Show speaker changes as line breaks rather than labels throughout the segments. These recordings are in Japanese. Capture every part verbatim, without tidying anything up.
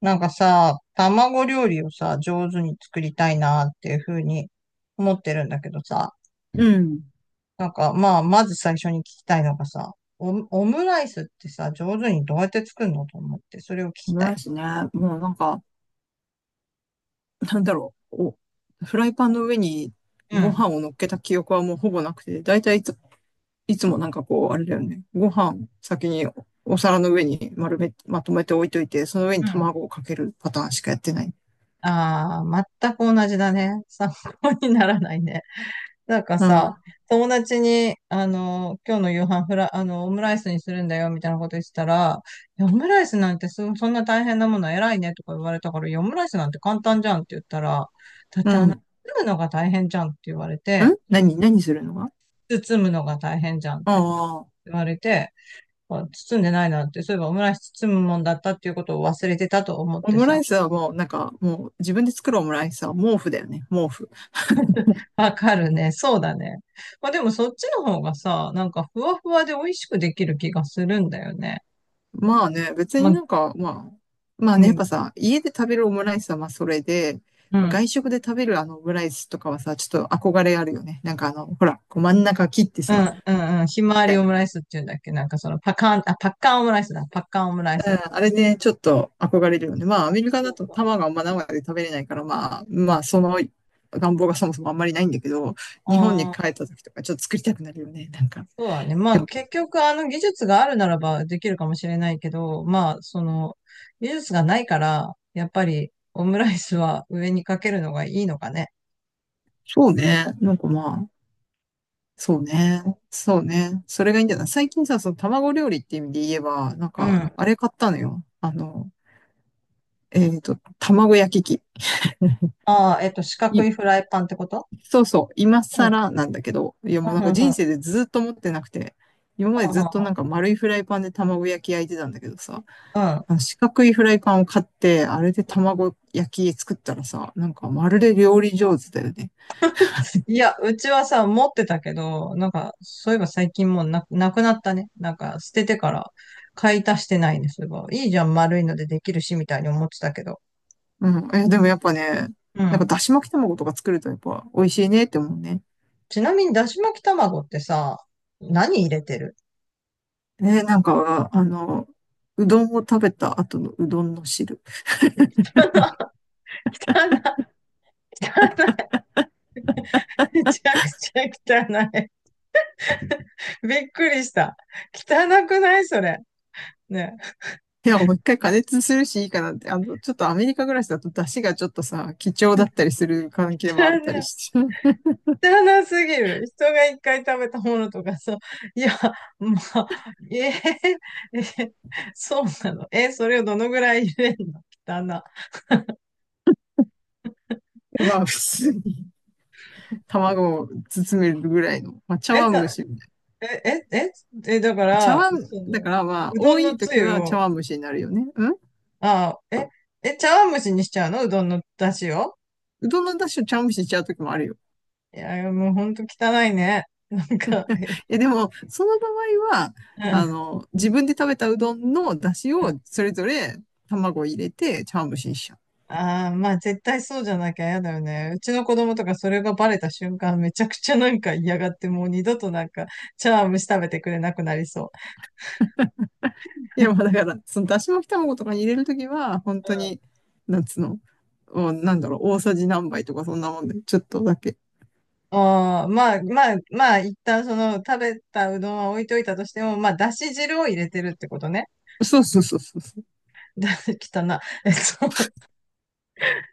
なんかさ、卵料理をさ、上手に作りたいなっていうふうに思ってるんだけどさ、
うん。
なんかまあ、まず最初に聞きたいのがさ、オム、オムライスってさ、上手にどうやって作るのと思って、それを聞
オ
き
ム
た
ライ
い。
スね。もうなんか、なんだろう。お、フライパンの上に
う
ご
ん、
飯を乗っけた記憶はもうほぼなくて、だいたいいつ、いつもなんかこう、あれだよね。ご飯先にお皿の上に丸め、まとめて置いといて、その上に
うん。
卵をかけるパターンしかやってない。
ああ、全く同じだね。参考にならないね。なんか
うん。
さ、友達に、あの、今日の夕飯フラ、あの、オムライスにするんだよ、みたいなこと言ってたら、いやオムライスなんてそ、そんな大変なもの偉いね、とか言われたから、いや、オムライスなんて簡単じゃんって言ったら、だっ
う
てあ
ん。
の、
ん
包むのが大変じゃんって言われて、
何、何するのが？
包むのが大変じゃんっ
あ
て
あー。
言われて、あ包んでないなって、そういえばオムライス包むもんだったっていうことを忘れてたと思っ
オ
て
ムラ
さ。
イスはもうなんか、もう自分で作るオムライスは毛布だよね。毛布。
わかるね。そうだね。まあでもそっちの方がさ、なんかふわふわで美味しくできる気がするんだよね。
まあね、別
ま
に
あ、
なんか、まあ、まあ
う
ね、やっぱ
ん。
さ、家で食べるオムライスはまあそれで、
うん。
外食で食べるあのオムライスとかはさ、ちょっと憧れあるよね。なんかあの、ほら、こう真ん中切って
うん。
さ、
うんうんひ
み
まわ
た
り
い
オ
な。
ムライスっていうんだっけなんかそのパカン、あ、パッカンオムライスだ。パッカンオムライ
う
ス。
ん、あれね、ちょっと憧れるよね。まあ、アメリカ
そ
だ
う
と
そう。
卵があんま生で食べれないから、まあ、まあ、その願望がそもそもあんまりないんだけど、日本に
ああ、
帰った時とかちょっと作りたくなるよね。なんか。
そうだね。ま
で
あ
も
結局あの技術があるならばできるかもしれないけど、まあその技術がないから、やっぱりオムライスは上にかけるのがいいのかね。
そうね。なんかまあ、そうね。そうね。それがいいんじゃない？最近さ、その卵料理っていう意味で言えば、なん
う
か、
ん。
あれ買ったのよ。あの、えっと、卵焼き器。
ああ、えっと、四角
い、
いフライパンってこと？
そうそう、今
うん。う
更なんだけど、いやもうな
ん、
ん
う
か
ん、う
人
ん。
生でずっと持ってなくて、今まで
うん、う
ずっとなん
ん。
か丸いフライパンで卵焼き焼いてたんだけどさ、
うん。
あの四角いフライパンを買って、あれで卵焼き作ったらさ、なんかまるで料理上手だよね。
いや、うちはさ、持ってたけど、なんか、そういえば最近もうな、なくなったね。なんか、捨ててから、買い足してないね、そういえば。いいじゃん、丸いのでできるし、みたいに思ってたけど。
うん。え、でもやっぱね、
う
なんか
ん。
だし巻き卵とか作るとやっぱ美味しいねって思うね。
ちなみに、だし巻き卵ってさ、何入れてる？
えーなんか、あの、うどんを食べた後のうどんの汁。
汚い、汚い、めちゃくちゃ汚い。びっくりした。汚くないそれ？ね。
いや、もういっかい加熱するしいいかなって。あの、ちょっとアメリカ暮らしだと出汁がちょっとさ、貴重だったりする関係もあっ
汚
たり
い。
して。
知らなすぎる。人が一回食べたものとかさ、いや、まあ、えー、え、そうなの？え、それをどのぐらい入れんの？汚な。
まあ、普通に卵を包めるぐらいの、まあ、茶
え、
碗蒸
さ、
しみたい
え、え、え、え、だか
な。茶
ら、
碗、
そ
だか
の、
らまあ、
う
多
どん
い
のつ
時
ゆ
は茶
を、
碗蒸しになるよね。うん。
あ、え、え、茶碗蒸しにしちゃうの？うどんの出汁を。
うどんの出汁を茶碗蒸しにしちゃう時もあるよ。
いや、もうほんと汚いね。なんか、え、
え、でも、その場合は、
うん、
あ
う
の、自分で食べたうどんの出汁を
ん。
それぞれ卵を入れて茶碗蒸しにしちゃう。
ああ、まあ絶対そうじゃなきゃ嫌だよね。うちの子供とかそれがバレた瞬間めちゃくちゃなんか嫌がってもう二度となんか茶碗蒸し食べてくれなくなりそう。
い
うん。
や、まあだから、そのだし巻き卵とかに入れるときは、本当 に、なんつうの、もうなんだろう、大さじ何杯とかそんなもんで、ちょっとだけ。
ああ、まあまあまあ一旦その食べたうどんは置いといたとしても、まあだし汁を入れてるってことね。
そうそうそうそうそう。
だ、汚な。えっと、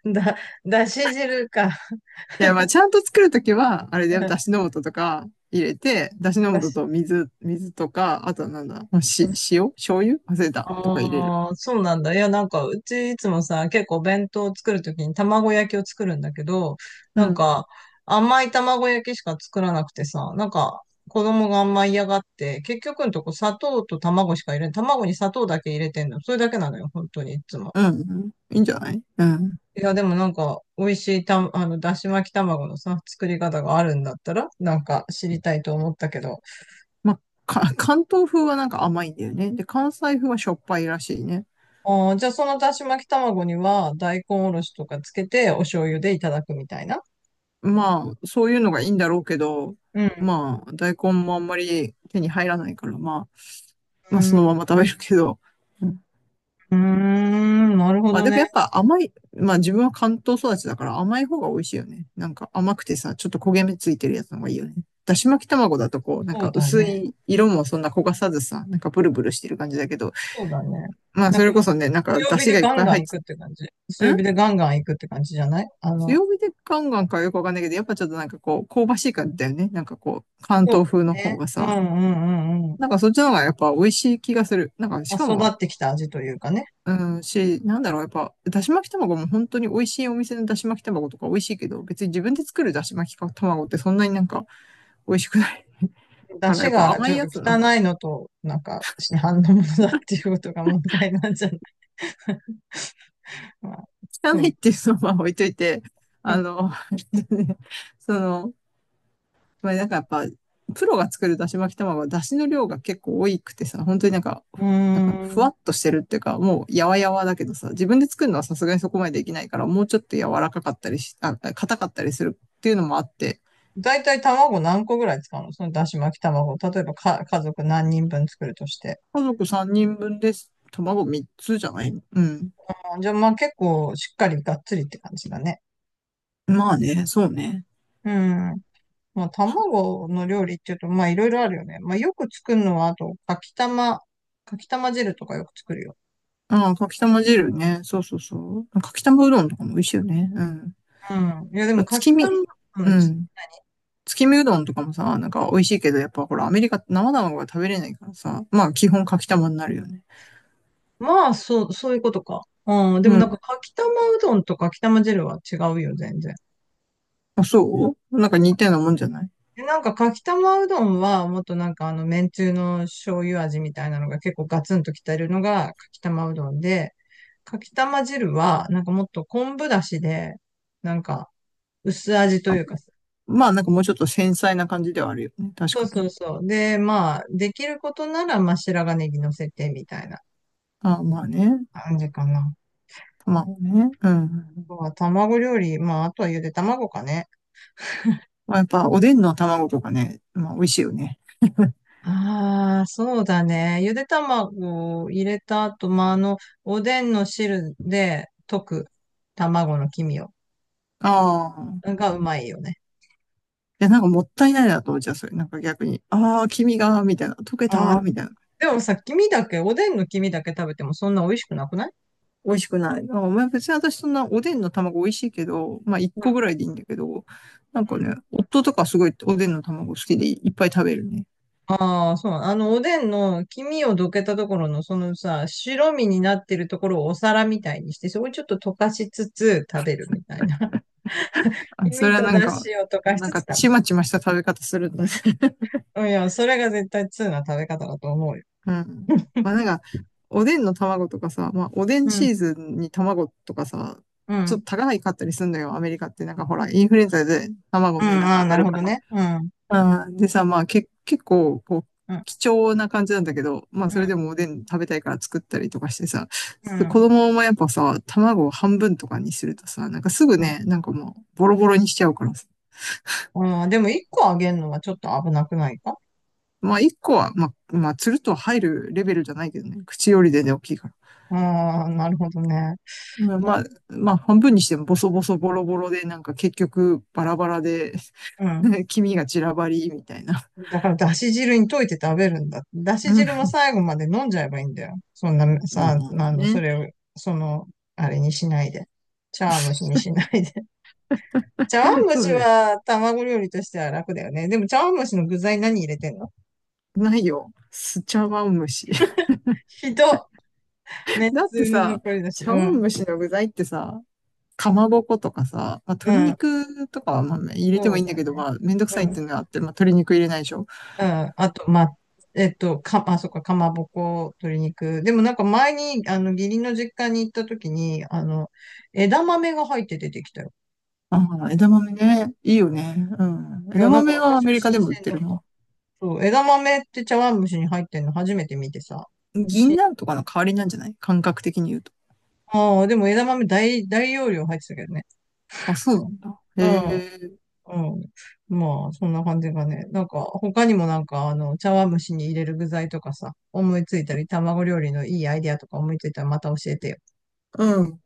だ、だし汁か。
いや、まあちゃんと作るときは、あれだ
う
よ、だ
ん。
しの素とか入れて、だしの
だ
素
し
と水、水とか、あとはなんだ、まあ、し、塩醤油忘れた。とか入れる。
ああ、そうなんだ。いや、なんか、うちいつもさ、結構弁当を作るときに卵焼きを作るんだけど、
う
なん
ん。
か、甘い卵焼きしか作らなくてさ、なんか、子供があんま嫌がって、結局のとこ砂糖と卵しか入れん、卵に砂糖だけ入れてんの。それだけなのよ、本当にいつも。
うん、うん。いいんじゃない？うん。
いや、でもなんか、美味しいた、あの、だし巻き卵のさ、作り方があるんだったら、なんか知りたいと思ったけど。
まあ、か、関東風はなんか甘いんだよね。で、関西風はしょっぱいらしいね。
ああ、じゃあそのだし巻き卵には、大根おろしとかつけて、お醤油でいただくみたいな。
まあ、そういうのがいいんだろうけど、
うん。
まあ、大根もあんまり手に入らないから、まあ、まあ、そのまま食べるけど。うん。
うーん、なるほ
まあ、
ど
でもやっ
ね。
ぱ甘い、まあ自分は関東育ちだから甘い方が美味しいよね。なんか甘くてさ、ちょっと焦げ目ついてるやつの方がいいよね。だし巻き卵だとこう、なん
そう
か
だ
薄
ね。
い色もそんな焦がさずさ、なんかブルブルしてる感じだけど、
そうだね。
まあ
なん
そ
か
れこそね、なんか
強
出
火
汁
で
がいっ
ガン
ぱい
ガン
入っ
行
て、
くって感じ。強
ん
火でガンガン行くって感じじゃない？あの、
強火でガンガンかよくわかんないけど、やっぱちょっとなんかこう、香ばしい感じだよね。なんかこう、関
そう
東風の
だよ
方
ね。
が
うんう
さ、
んうんうん。
なんかそっちの方がやっぱ美味しい気がする。なんかし
ま
か
あ、
も、
育ってきた味というかね。
うん、し、なんだろう、やっぱ、だし巻き卵も本当に美味しいお店のだし巻き卵とか美味しいけど、別に自分で作るだし巻き卵ってそんなになんか美味しくない
出
から、
汁
やっぱ
が
甘
ち
い
ょっ
や
と
つの方が。
汚いのと、なんか、市販のものだっていうことが問題なんじゃない？まあ、
汚
う
い
ん。
っていうのは置いといて、あの、その、まあなんかやっぱ、プロが作るだし巻き卵は、だしの量が結構多くてさ、本当になんか、
うー
なんか、ふわ
ん。
っとしてるっていうか、もう、やわやわだけどさ、自分で作るのはさすがにそこまでできないから、もうちょっと柔らかかったりし、あ、硬かったりするっていうのもあって、
だいたい卵何個ぐらい使うの？そのだし巻き卵。例えばか、家族何人分作るとして。
家族さんにんぶんです。卵みっつじゃない？うん。
あ、じゃあまあ結構しっかりがっつりって感じだね。
まあね、そうね。
うん。まあ、
そう。
卵の料理っていうと、まあ、いろいろあるよね。まあ、よく作るのは、あと、かきたま、かきたま汁とかよく作るよ。
ああ、かきたま汁ね。そうそうそう。かきたまうどんとかも美味しいよね。うん。や
うん。いや、
っ
でも、
ぱ
か
月
きた
見。
ま、う
う
ん。つ
ん。月見うどんとかもさ、なんか美味しいけど、やっぱほら、アメリカって生卵が食べれないからさ、まあ基本かきたまになるよね。
まあ、そう、そういうことか。うん。でも、
う
なん
ん。
か、かきたまうどんとかきたま汁は違うよ、全然。
あ、そう？なんか似たようなもんじゃない？
で、なんか、かきたまうどんは、もっとなんか、あの、めんつゆの醤油味みたいなのが結構ガツンときてるのが、かきたまうどんで、かきたま汁は、なんかもっと昆布だしで、なんか、薄味というか、
まあなんかもうちょっと繊細な感じではあるよね。確
そう
かに
そう
ね。
そう。で、まあ、できることなら、まあ、白髪ネギ乗せてみたいな
あまあね。
感じかな。
卵ね。うん。
まあ、卵料理、まあ、あとはゆで卵かね。
まあやっぱおでんの卵とかね、まあ美味しいよね。
ああ、そうだね。ゆで卵を入れた後、まあ、あの、おでんの汁で溶く卵の黄身を、
ああ。
がうまいよね。
いや、なんかもったいないなと思っちゃう、それ。なんか逆に。ああ、黄身が、みたいな。溶け
あ
た、
あ、
みたいな。
でもさ、黄身だけ、おでんの黄身だけ食べてもそんな美味しくなくない？
美味しくない。なんかまあ別に私そんなおでんの卵美味しいけど、まあ一
うん。
個ぐらいでいいんだけど、なん
う
か
ん。
ね、夫とかすごいおでんの卵好きでいっぱい食べるね。
ああ、そう。あの、おでんの黄身をどけたところの、そのさ、白身になってるところをお皿みたいにして、そこにちょっと溶かしつつ食べるみたいな。
あ、
黄
そ
身
れは
と
なん
出
か、
汁を溶かし
なん
つつ
か
食べ
ち
る。
まちました食べ方するんだね。
うん。いや、それが絶対通な食べ方だと思うよ。
うん。まあなんか、おでんの卵とかさ、まあおでん
う
シ
ん、
ーズンに卵とかさ、
うん、う
ちょっ
ん、
と高いかったりするのよ、アメリカって。なんかほら、インフルエンザで卵の値段
あ
が
あ、
上が
なる
る
ほ
か
ど
ら。
ね。うん、
あーでさ、まあけ、結構、こう、
うん、
貴重な感じなんだけど、まあ、
う
それ
ん、
でもおでん食べたいから作ったりとかしてさ、
う
子
ん。
供もやっぱさ、卵を半分とかにするとさ、なんかすぐ
うん、
ね、なんかもう、ボロボロにしちゃうからさ。
うん。でも一個あげるのはちょっと危なくないか？
まあ、一個は、まあ、まあ、つるっと入るレベルじゃないけどね、口よりでね、大きいから。
ああ、なるほどね。
まあ、まあ、まあ半分にしてもボソボソボロボロで、なんか結局、バラバラで
うん、
黄身が散らばり、みたいな。
だから、だし汁に溶いて食べるんだ。だし
うん。
汁も最後まで飲んじゃえばいいんだよ。そんな、
う
さ、
ん、
あの、そ
ね。
れを、その、あれにしないで。茶碗蒸しに しないで。茶碗蒸
そう
し
ね。
は卵料理としては楽だよね。でも茶碗蒸しの具材何入れてんの？
ないよ。スチャワムシ。
ひど。めん
だっ
つ
て
ゆの
さ、
残りだし。
茶
う
碗
ん。
蒸しの具材ってさ、かまぼことかさ、まあ、
う
鶏
ん。
肉とかはまあ入れ
そ
てもいい
う
んだ
だ
けど、
ね。
まあ、めんどく
う
さいっ
ん。うん。
ていうのがあって、まあ、鶏肉入れないでしょ。
あと、ま、えっと、か、あ、そっか、かまぼこ、鶏肉。でもなんか前に、あの、義理の実家に行った時に、あの、枝豆が入って出てきたよ。
ああ、枝豆ね。いいよね。うん。
い
枝
や、なんか
豆はア
私
メ
は
リカ
新
でも売っ
鮮
て
だっ
る
た。
の？
そう、枝豆って茶碗蒸しに入ってんの初めて見てさ。
銀
し
杏とかの代わりなんじゃない？感覚的に言うと。
ああ、でも枝豆大、大容量入ってたけどね。
あ、そうなんだ。へ
うん、
え。
うん。まあ、そんな感じがね。なんか、他にもなんか、あの、茶碗蒸しに入れる具材とかさ、思いついたり、卵料理のいいアイディアとか思いついたらまた教えてよ。
うん。